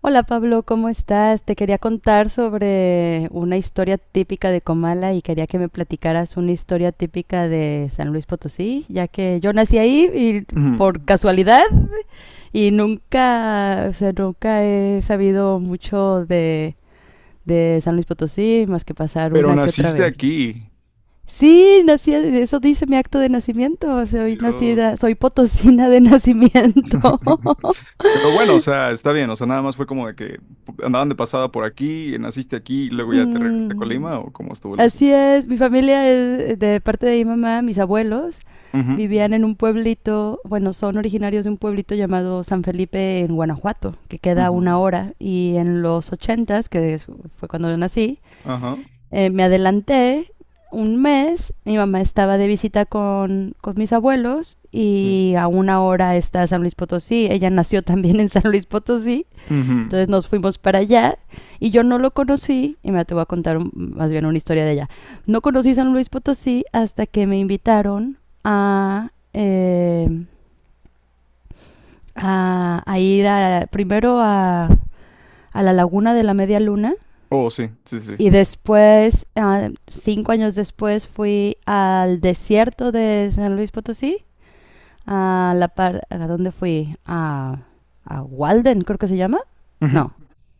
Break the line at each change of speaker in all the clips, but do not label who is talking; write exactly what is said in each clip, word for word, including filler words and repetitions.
Hola Pablo, ¿cómo estás? Te quería contar sobre una historia típica de Comala y quería que me platicaras una historia típica de San Luis Potosí, ya que yo nací ahí y
Ujú.
por casualidad y nunca, o sea, nunca he sabido mucho de, de San Luis Potosí más que pasar
Pero
una que otra
naciste
vez.
aquí.
Sí, nací, eso dice mi acto de nacimiento, soy
Dios.
nacida, soy potosina de nacimiento.
Pero bueno, o sea, está bien. O sea, ¿nada más fue como de que andaban de pasada por aquí, naciste aquí y luego ya te regresaste a
Mm,
Colima o cómo estuvo el asunto?
Así es, mi familia es eh, de parte de mi mamá, mis abuelos vivían en un pueblito, bueno, son originarios de un pueblito llamado San Felipe en Guanajuato, que queda a
Ujú,
una
ujú.
hora, y en los ochentas, que es- fue cuando yo nací,
Ajá,
eh, me adelanté un mes, mi mamá estaba de visita con, con mis abuelos
sí.
y a una hora está San Luis Potosí, ella nació también en San Luis Potosí,
Ujú.
entonces nos fuimos para allá y yo no lo conocí, y me te voy a contar un- más bien una historia de allá. No conocí San Luis Potosí hasta que me invitaron a, eh, a, a ir a- primero a, a la Laguna de la Media Luna
Oh, sí, sí, sí.
y después, ah, cinco años después, fui al desierto de San Luis Potosí, a la par... ¿A dónde fui? A, a Walden, creo que se llama.
Ujú.
No,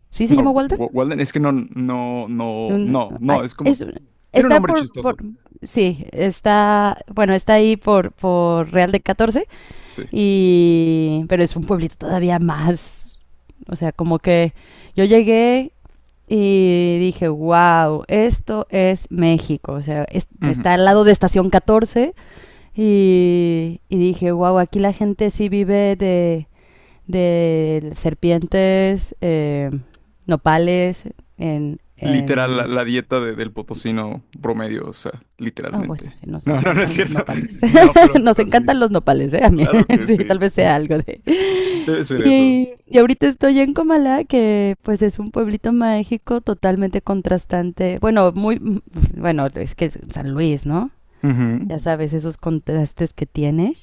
¿sí se llama
No,
Walden?
Wa- Wa- Walden, es que no, no, no,
Un-
no,
ay,
no, es como,
es
tiene un
Está
nombre
por, por,
chistoso.
sí, está, bueno, está ahí por, por Real de catorce
Sí.
y, pero es un pueblito todavía más, o sea, como que yo llegué y dije, wow, esto es México, o sea, es-
Ujú.
está al lado de Estación catorce y, y dije, wow, aquí la gente sí vive de, de serpientes, eh, nopales, en,
Literal, la,
en
la dieta de- del potosino promedio, o sea,
Ah, bueno,
literalmente.
sí, nos
No, no, no es
encantan los
cierto.
nopales.
No, pero,
Nos
pero sí.
encantan los nopales, ¿eh? A mí,
Claro que
sí,
sí.
tal vez sea algo de...
Debe ser eso.
Y, y ahorita estoy en Comala, que pues es un pueblito mágico totalmente contrastante. Bueno, muy... Bueno, es que es San Luis, ¿no?
Ujú.
Ya sabes, esos contrastes que tiene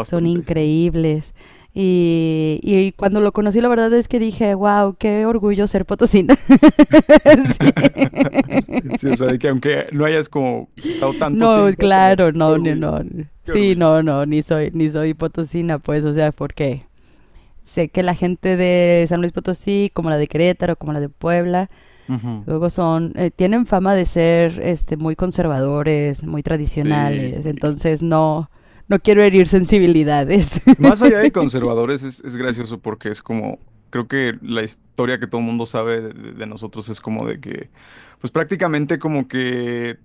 son increíbles. Y, y cuando lo conocí, la verdad es que dije, wow, qué orgullo ser potosina. Sí.
Sí, o sea, de que aunque no hayas como estado tanto
No,
tiempo, pero
claro,
qué
no, no,
orgullo,
no.
qué
Sí,
orgullo.
no, no, ni soy, ni soy potosina, pues, o sea, porque sé que la gente de San Luis Potosí, como la de Querétaro, como la de Puebla,
Ujú.
luego son, eh, tienen fama de ser, este, muy conservadores, muy
Sí.
tradicionales, entonces no, no quiero herir sensibilidades.
Más allá de conservadores, es, es gracioso porque es como, creo que la historia que todo el mundo sabe de, de- de nosotros es como de que, pues prácticamente como que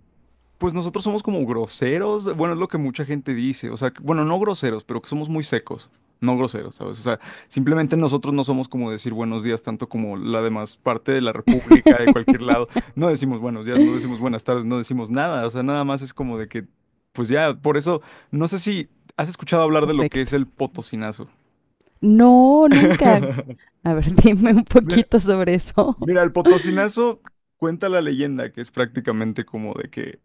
pues nosotros somos como groseros, bueno, es lo que mucha gente dice, o sea, que- bueno, no groseros, pero que somos muy secos, no groseros, ¿sabes? O sea, simplemente nosotros no somos como decir buenos días tanto como la demás parte de la república, de cualquier lado, no decimos buenos días, no decimos buenas tardes, no decimos nada, o sea, nada más es como de que, pues ya, por eso, no sé si has escuchado hablar de lo que es
Correcto.
el potosinazo.
No, nunca. A ver, dime un
Mira,
poquito sobre eso.
mira, el potosinazo cuenta la leyenda que es prácticamente como de que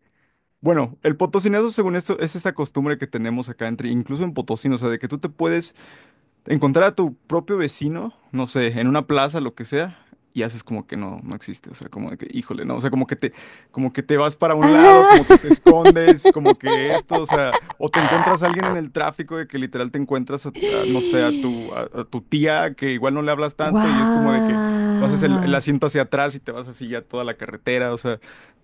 bueno, el potosinazo, según esto, es esta costumbre que tenemos acá entre, incluso en Potosí, ¿no? O sea, de que tú te puedes encontrar a tu propio vecino, no sé, en una plaza, lo que sea, y haces como que no, no existe, o sea, como de que, híjole, no, o sea, como que te, como que te vas para un lado, como que te escondes, como que esto, o sea, o te
Ah.
encuentras a alguien en el tráfico de que literal te encuentras, a- a, no sé, a tu, a, a tu tía que igual no le hablas tanto y es como de que pasas el, el
Wow.
asiento hacia atrás y te vas así ya toda la carretera, o sea,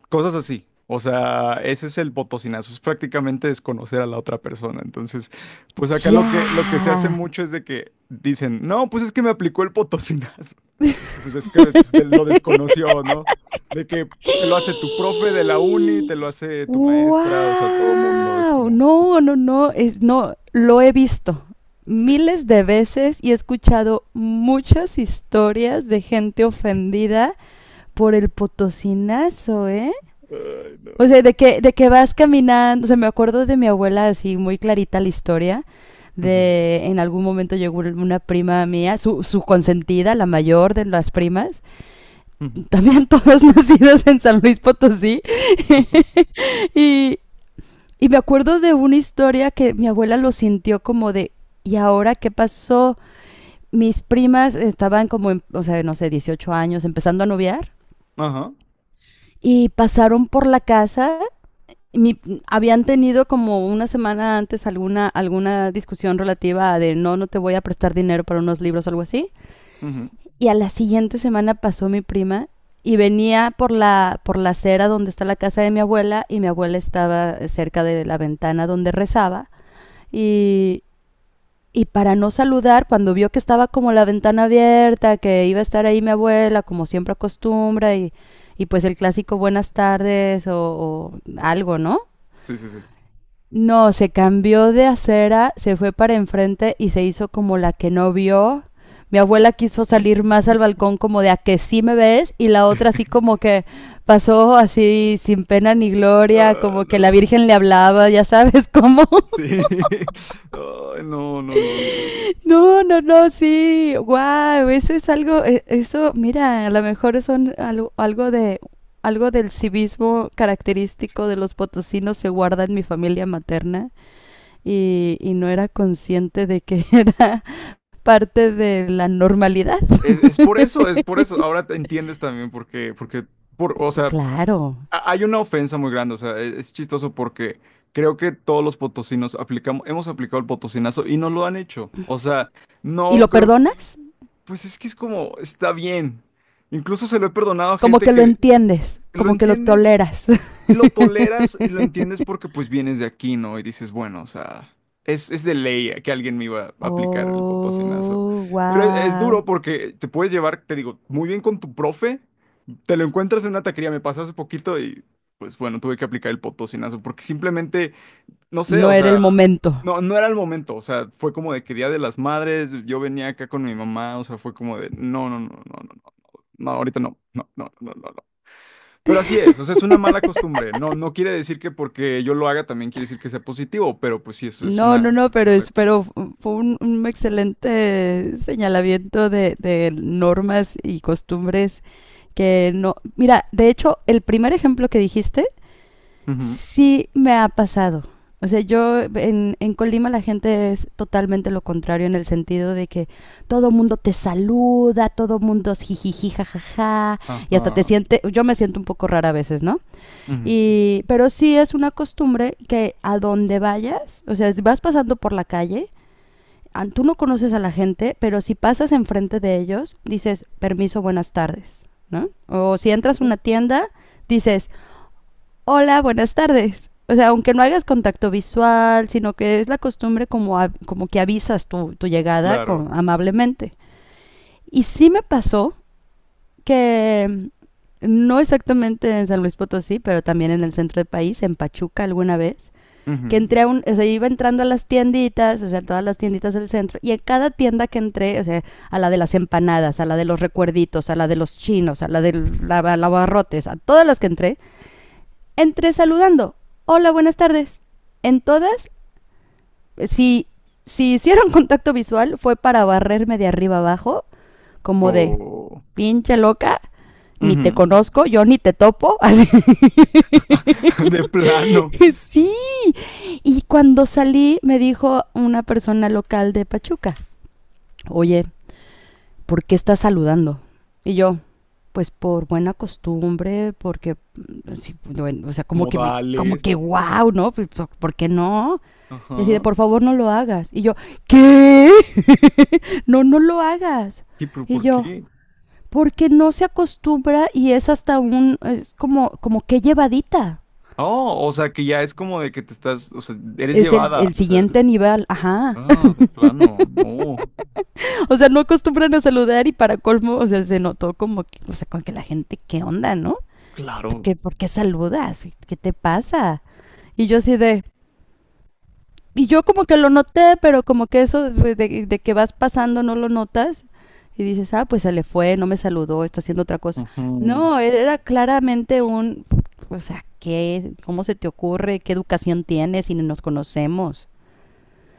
cosas así. O sea, ese es el botocinazo, es prácticamente desconocer a la otra persona, entonces... Pues acá lo
Ya.
que, lo que se hace mucho es de que dicen, no, pues es que me aplicó el potosinazo. Pues es que pues, te lo desconoció, ¿no? De que te lo hace tu profe de la uni, te lo hace tu maestra, o sea, todo mundo es
Wow.
como,
No, no, no, es, no, lo he visto
sí.
miles de veces y he escuchado muchas historias de gente ofendida por el potosinazo, ¿eh?
Ay,
O sea,
no.
de que, de que vas caminando, o sea, me acuerdo de mi abuela así muy clarita la historia,
Ujú,
de en algún momento llegó una prima mía, su, su consentida, la mayor de las primas,
ujú.
también todas nacidas en San Luis Potosí,
Ajá.
y, y me acuerdo de una historia que mi abuela lo sintió como de, ¿y ahora qué pasó? Mis primas estaban como, en, o sea, no sé, dieciocho años, empezando a noviar,
Ajá.
y pasaron por la casa mi, habían tenido como una semana antes alguna, alguna discusión relativa a de no, no te voy a prestar dinero para unos libros o algo así.
Ujú.
Y a la siguiente semana pasó mi prima y venía por la, por la acera donde está la casa de mi abuela y mi abuela estaba cerca de la ventana donde rezaba. Y, y para no saludar, cuando vio que estaba como la ventana abierta, que iba a estar ahí mi abuela, como siempre acostumbra, y, y pues el clásico buenas tardes o, o algo, ¿no?
Sí, sí, sí.
No, se cambió de acera, se fue para enfrente y se hizo como la que no vio. Mi abuela quiso salir más al balcón como de a que sí me ves y la otra así como que pasó así sin pena ni gloria,
Ah,
como que la
no.
Virgen le hablaba, ya sabes cómo.
Sí. Ay, no, no, no, no. No.
No, no, no, sí, wow, eso es algo, eh, eso, mira, a lo mejor son algo, algo de algo del civismo característico de los potosinos se guarda en mi familia materna. Y, y no era consciente de que era parte de la normalidad.
Es, es por eso, es por eso. Ahora te entiendes también porque, porque, por, qué- por- o sea,
Claro.
a- hay una ofensa muy grande, o sea, e- es chistoso porque creo que todos los potosinos aplicamos, hemos aplicado el potosinazo y no lo han hecho. O sea,
¿Y
no
lo
creo,
perdonas?
pues es que es como, está bien. Incluso se lo he perdonado a
Como
gente
que lo
que
entiendes,
lo
como que lo
entiendes
toleras.
y lo toleras y lo entiendes porque pues vienes de aquí, ¿no? Y dices, bueno, o sea, es, es de ley que alguien me iba a aplicar el potosinazo.
Oh,
Pero es, es
wow.
duro porque te puedes llevar, te digo, muy bien con tu profe. Te lo encuentras en una taquería, me pasó hace poquito y pues bueno, tuve que aplicar el potosinazo porque simplemente, no sé,
No
o
era el
sea,
momento.
no, no era el momento, o sea, fue como de que Día de las Madres, yo venía acá con mi mamá, o sea, fue como de, no, no, no, no, no, no, no, ahorita no, no, no, no, no, no. Pero así es, o sea, es una mala costumbre, no, no quiere decir que porque yo lo haga también quiere decir que sea positivo, pero pues sí, es, es
No, no,
una
no, pero,
mala
es, pero
costumbre.
fue un, un excelente señalamiento de, de normas y costumbres que no... Mira, de hecho, el primer ejemplo que dijiste
Ujú.
sí me ha pasado. O sea, yo en, en Colima la gente es totalmente lo contrario en el sentido de que todo mundo te saluda, todo mundo es jijiji, jajaja, y hasta te
Ajá,
siente, yo me siento un poco rara a veces, ¿no?
ujú,
Y, pero sí es una costumbre que a donde vayas, o sea, si vas pasando por la calle, an- tú no conoces a la gente, pero si pasas enfrente de ellos, dices, permiso, buenas tardes, ¿no? O si entras a una tienda, dices, hola, buenas tardes. O sea, aunque no hagas contacto visual, sino que es la costumbre como, a- como que avisas tu, tu llegada
claro,
con, amablemente. Y sí me pasó que no exactamente en San Luis Potosí, pero también en el centro del país, en Pachuca alguna vez, que
ujú.
entré a un, o sea, iba entrando a las tienditas, o sea, todas las tienditas del centro, y en cada tienda que entré, o sea, a la de las empanadas, a la de los recuerditos, a la de los chinos, a la de los abarrotes, a todas las que entré, entre saludando. Hola, buenas tardes. En todas, si, si hicieron contacto visual, fue para barrerme de arriba abajo, como de
O...
pinche loca, ni te
Ujú.
conozco, yo ni te topo. Así.
De plano.
Sí. Y cuando salí, me dijo una persona local de Pachuca. Oye, ¿por qué estás saludando? Y yo, pues por buena costumbre, porque, mm, sí, bueno, o sea, como que me, como
Modales.
que wow, ¿no? Pues, ¿Por por qué no? Y así de,
Ajá.
por favor, no lo hagas. Y yo, ¿qué? No, no lo hagas.
¿Y pero
Y
por
yo,
qué?
porque no se acostumbra y es hasta un, es como, como que llevadita.
Oh, o sea que ya es como de que te estás, o sea, eres
Es el,
llevada.
el
O sea,
siguiente
eres-
nivel, ajá.
ah, de plano. No,
O sea, no acostumbran a saludar y para colmo, o sea, se notó como que, o sea, con que la gente, ¿qué onda, no? ¿Esto
claro.
qué, ¿por qué saludas? ¿Qué te pasa? Y yo así de, y yo como que lo noté, pero como que eso de, de, de que vas pasando no lo notas y dices, ah, pues se le fue, no me saludó, está haciendo otra cosa.
Ujú.
No, e-, era claramente un, o sea, ¿qué? ¿Cómo se te ocurre? ¿Qué educación tienes si ni nos conocemos?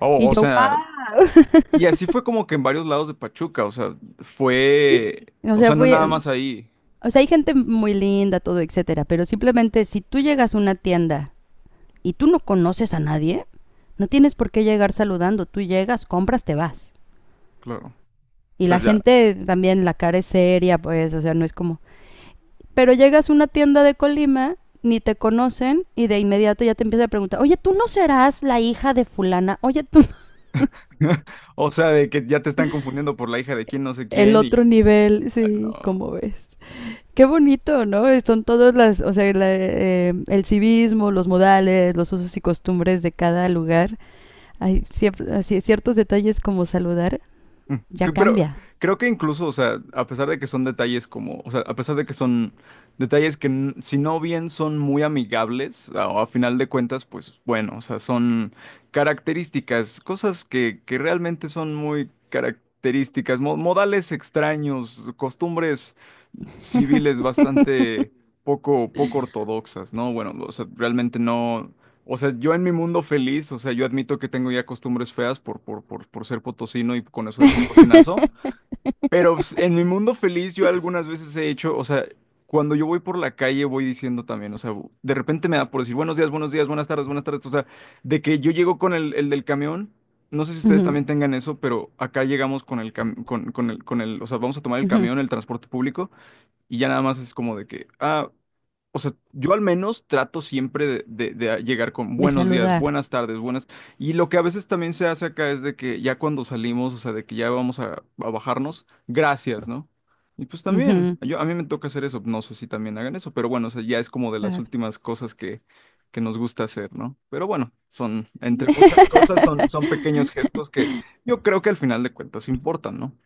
Oh,
Y
o
yo,
sea,
wow,
y así fue como que en varios lados de Pachuca, o sea,
sí.
fue,
O
o
sea,
sea, no nada
fue,
más ahí,
o sea, hay gente muy linda, todo, etcétera, pero simplemente si tú llegas a una tienda y tú no conoces a nadie, no tienes por qué llegar saludando. Tú llegas, compras, te vas.
claro. O
Y
sea,
la
ya,
gente también, la cara es seria, pues, o sea, no es como... Pero llegas a una tienda de Colima, ni te conocen, y de inmediato ya te empiezan a preguntar, oye, ¿tú no serás la hija de fulana? Oye, tú... no.
o sea, de que ya te están confundiendo por la hija de quién, no sé
El
quién,
otro
y,
nivel,
ay,
sí,
no.
¿cómo ves? Qué bonito, ¿no? Son todas las, o sea, la, eh, el civismo, los modales, los usos y costumbres de cada lugar. Hay cier- ciertos detalles como saludar,
Mm,
ya
que- pero
cambia.
creo que incluso, o sea, a pesar de que son detalles como, o sea, a pesar de que son detalles que n- si no bien son muy amigables, a, a final de cuentas, pues bueno, o sea, son características, cosas que, que realmente son muy características, mo- modales extraños, costumbres civiles bastante poco, poco ortodoxas, ¿no? Bueno, o sea, realmente no. O sea, yo en mi mundo feliz, o sea, yo admito que tengo ya costumbres feas por, por, por, por ser potosino y con eso del potosinazo, pero pues, en mi mundo feliz yo algunas veces he hecho, o sea, cuando yo voy por la calle voy diciendo también, o sea, bu- de repente me da por decir buenos días, buenos días, buenas tardes, buenas tardes, o sea, de que yo llego con el, el del camión, no sé si ustedes
Ujú,
también tengan eso, pero acá llegamos con el, cam- con, con el, con el, o sea, vamos a tomar el
ujú,
camión, el transporte público. Y ya nada más es como de que, ah, o sea, yo al menos trato siempre de, de- de llegar con
de
buenos días,
saludar.
buenas tardes, buenas. Y lo que a veces también se hace acá es de que ya cuando salimos, o sea, de que ya vamos a, a bajarnos, gracias, ¿no? Y pues también,
Ujú,
yo, a mí me toca hacer eso, no sé si también hagan eso, pero bueno, o sea, ya es como de las
claro.
últimas cosas que, que nos gusta hacer, ¿no? Pero bueno, son, entre muchas cosas, son, son pequeños gestos que yo creo que al final de cuentas importan, ¿no?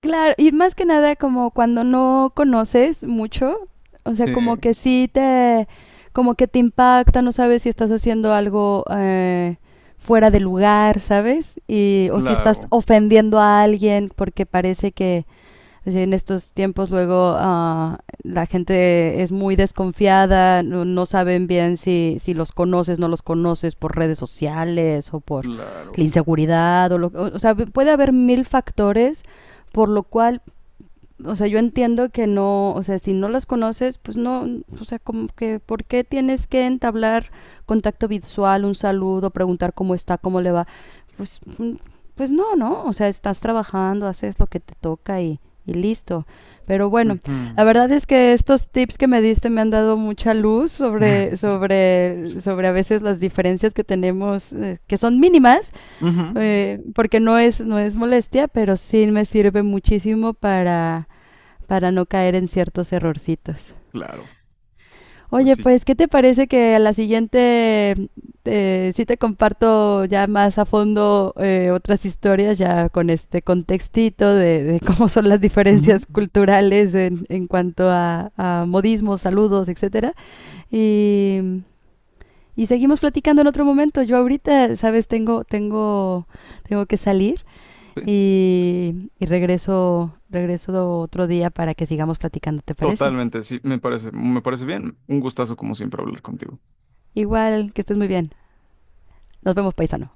Claro, y más que nada como cuando no conoces mucho, o sea, como
Sí,
que sí te, como que te impacta, no sabes si estás haciendo algo eh, fuera de lugar, ¿sabes? Y, o si estás
claro,
ofendiendo a alguien porque parece que, es decir, en estos tiempos luego uh, la gente es muy desconfiada, no, no saben bien si, si, los conoces, no los conoces por redes sociales o por la
claro.
inseguridad. O, lo, o, o sea, puede haber mil factores por lo cual o sea, yo entiendo que no, o sea, si no las conoces, pues no, o sea, como que, ¿por qué tienes que entablar contacto visual, un saludo, preguntar cómo está, cómo le va? Pues, mm, pues no, ¿no? O sea, estás trabajando, haces lo que te toca y, y listo. Pero bueno,
Ujú,
la verdad es que estos tips que me diste me han dado mucha luz sobre, sobre, sobre a veces las diferencias que tenemos, eh, que son mínimas,
ujú.
eh, porque no es, no es molestia, pero sí me sirve muchísimo para para no caer en ciertos errorcitos.
Claro, pues
Oye,
sí.
pues, ¿qué te parece que a la siguiente eh, sí te comparto ya más a fondo eh, otras historias, ya con este contextito de, de cómo son las
Ujú.
diferencias culturales en, en cuanto a, a, modismos, saludos, etcétera? Y, y, seguimos platicando en otro momento. Yo ahorita, sabes, tengo, tengo, tengo que salir
Sí,
y, y regreso, regreso otro día para que sigamos platicando, ¿te parece?
totalmente, sí, me parece, me parece bien. Un gustazo como siempre hablar contigo.
Igual, que estés muy bien. Nos vemos, paisano.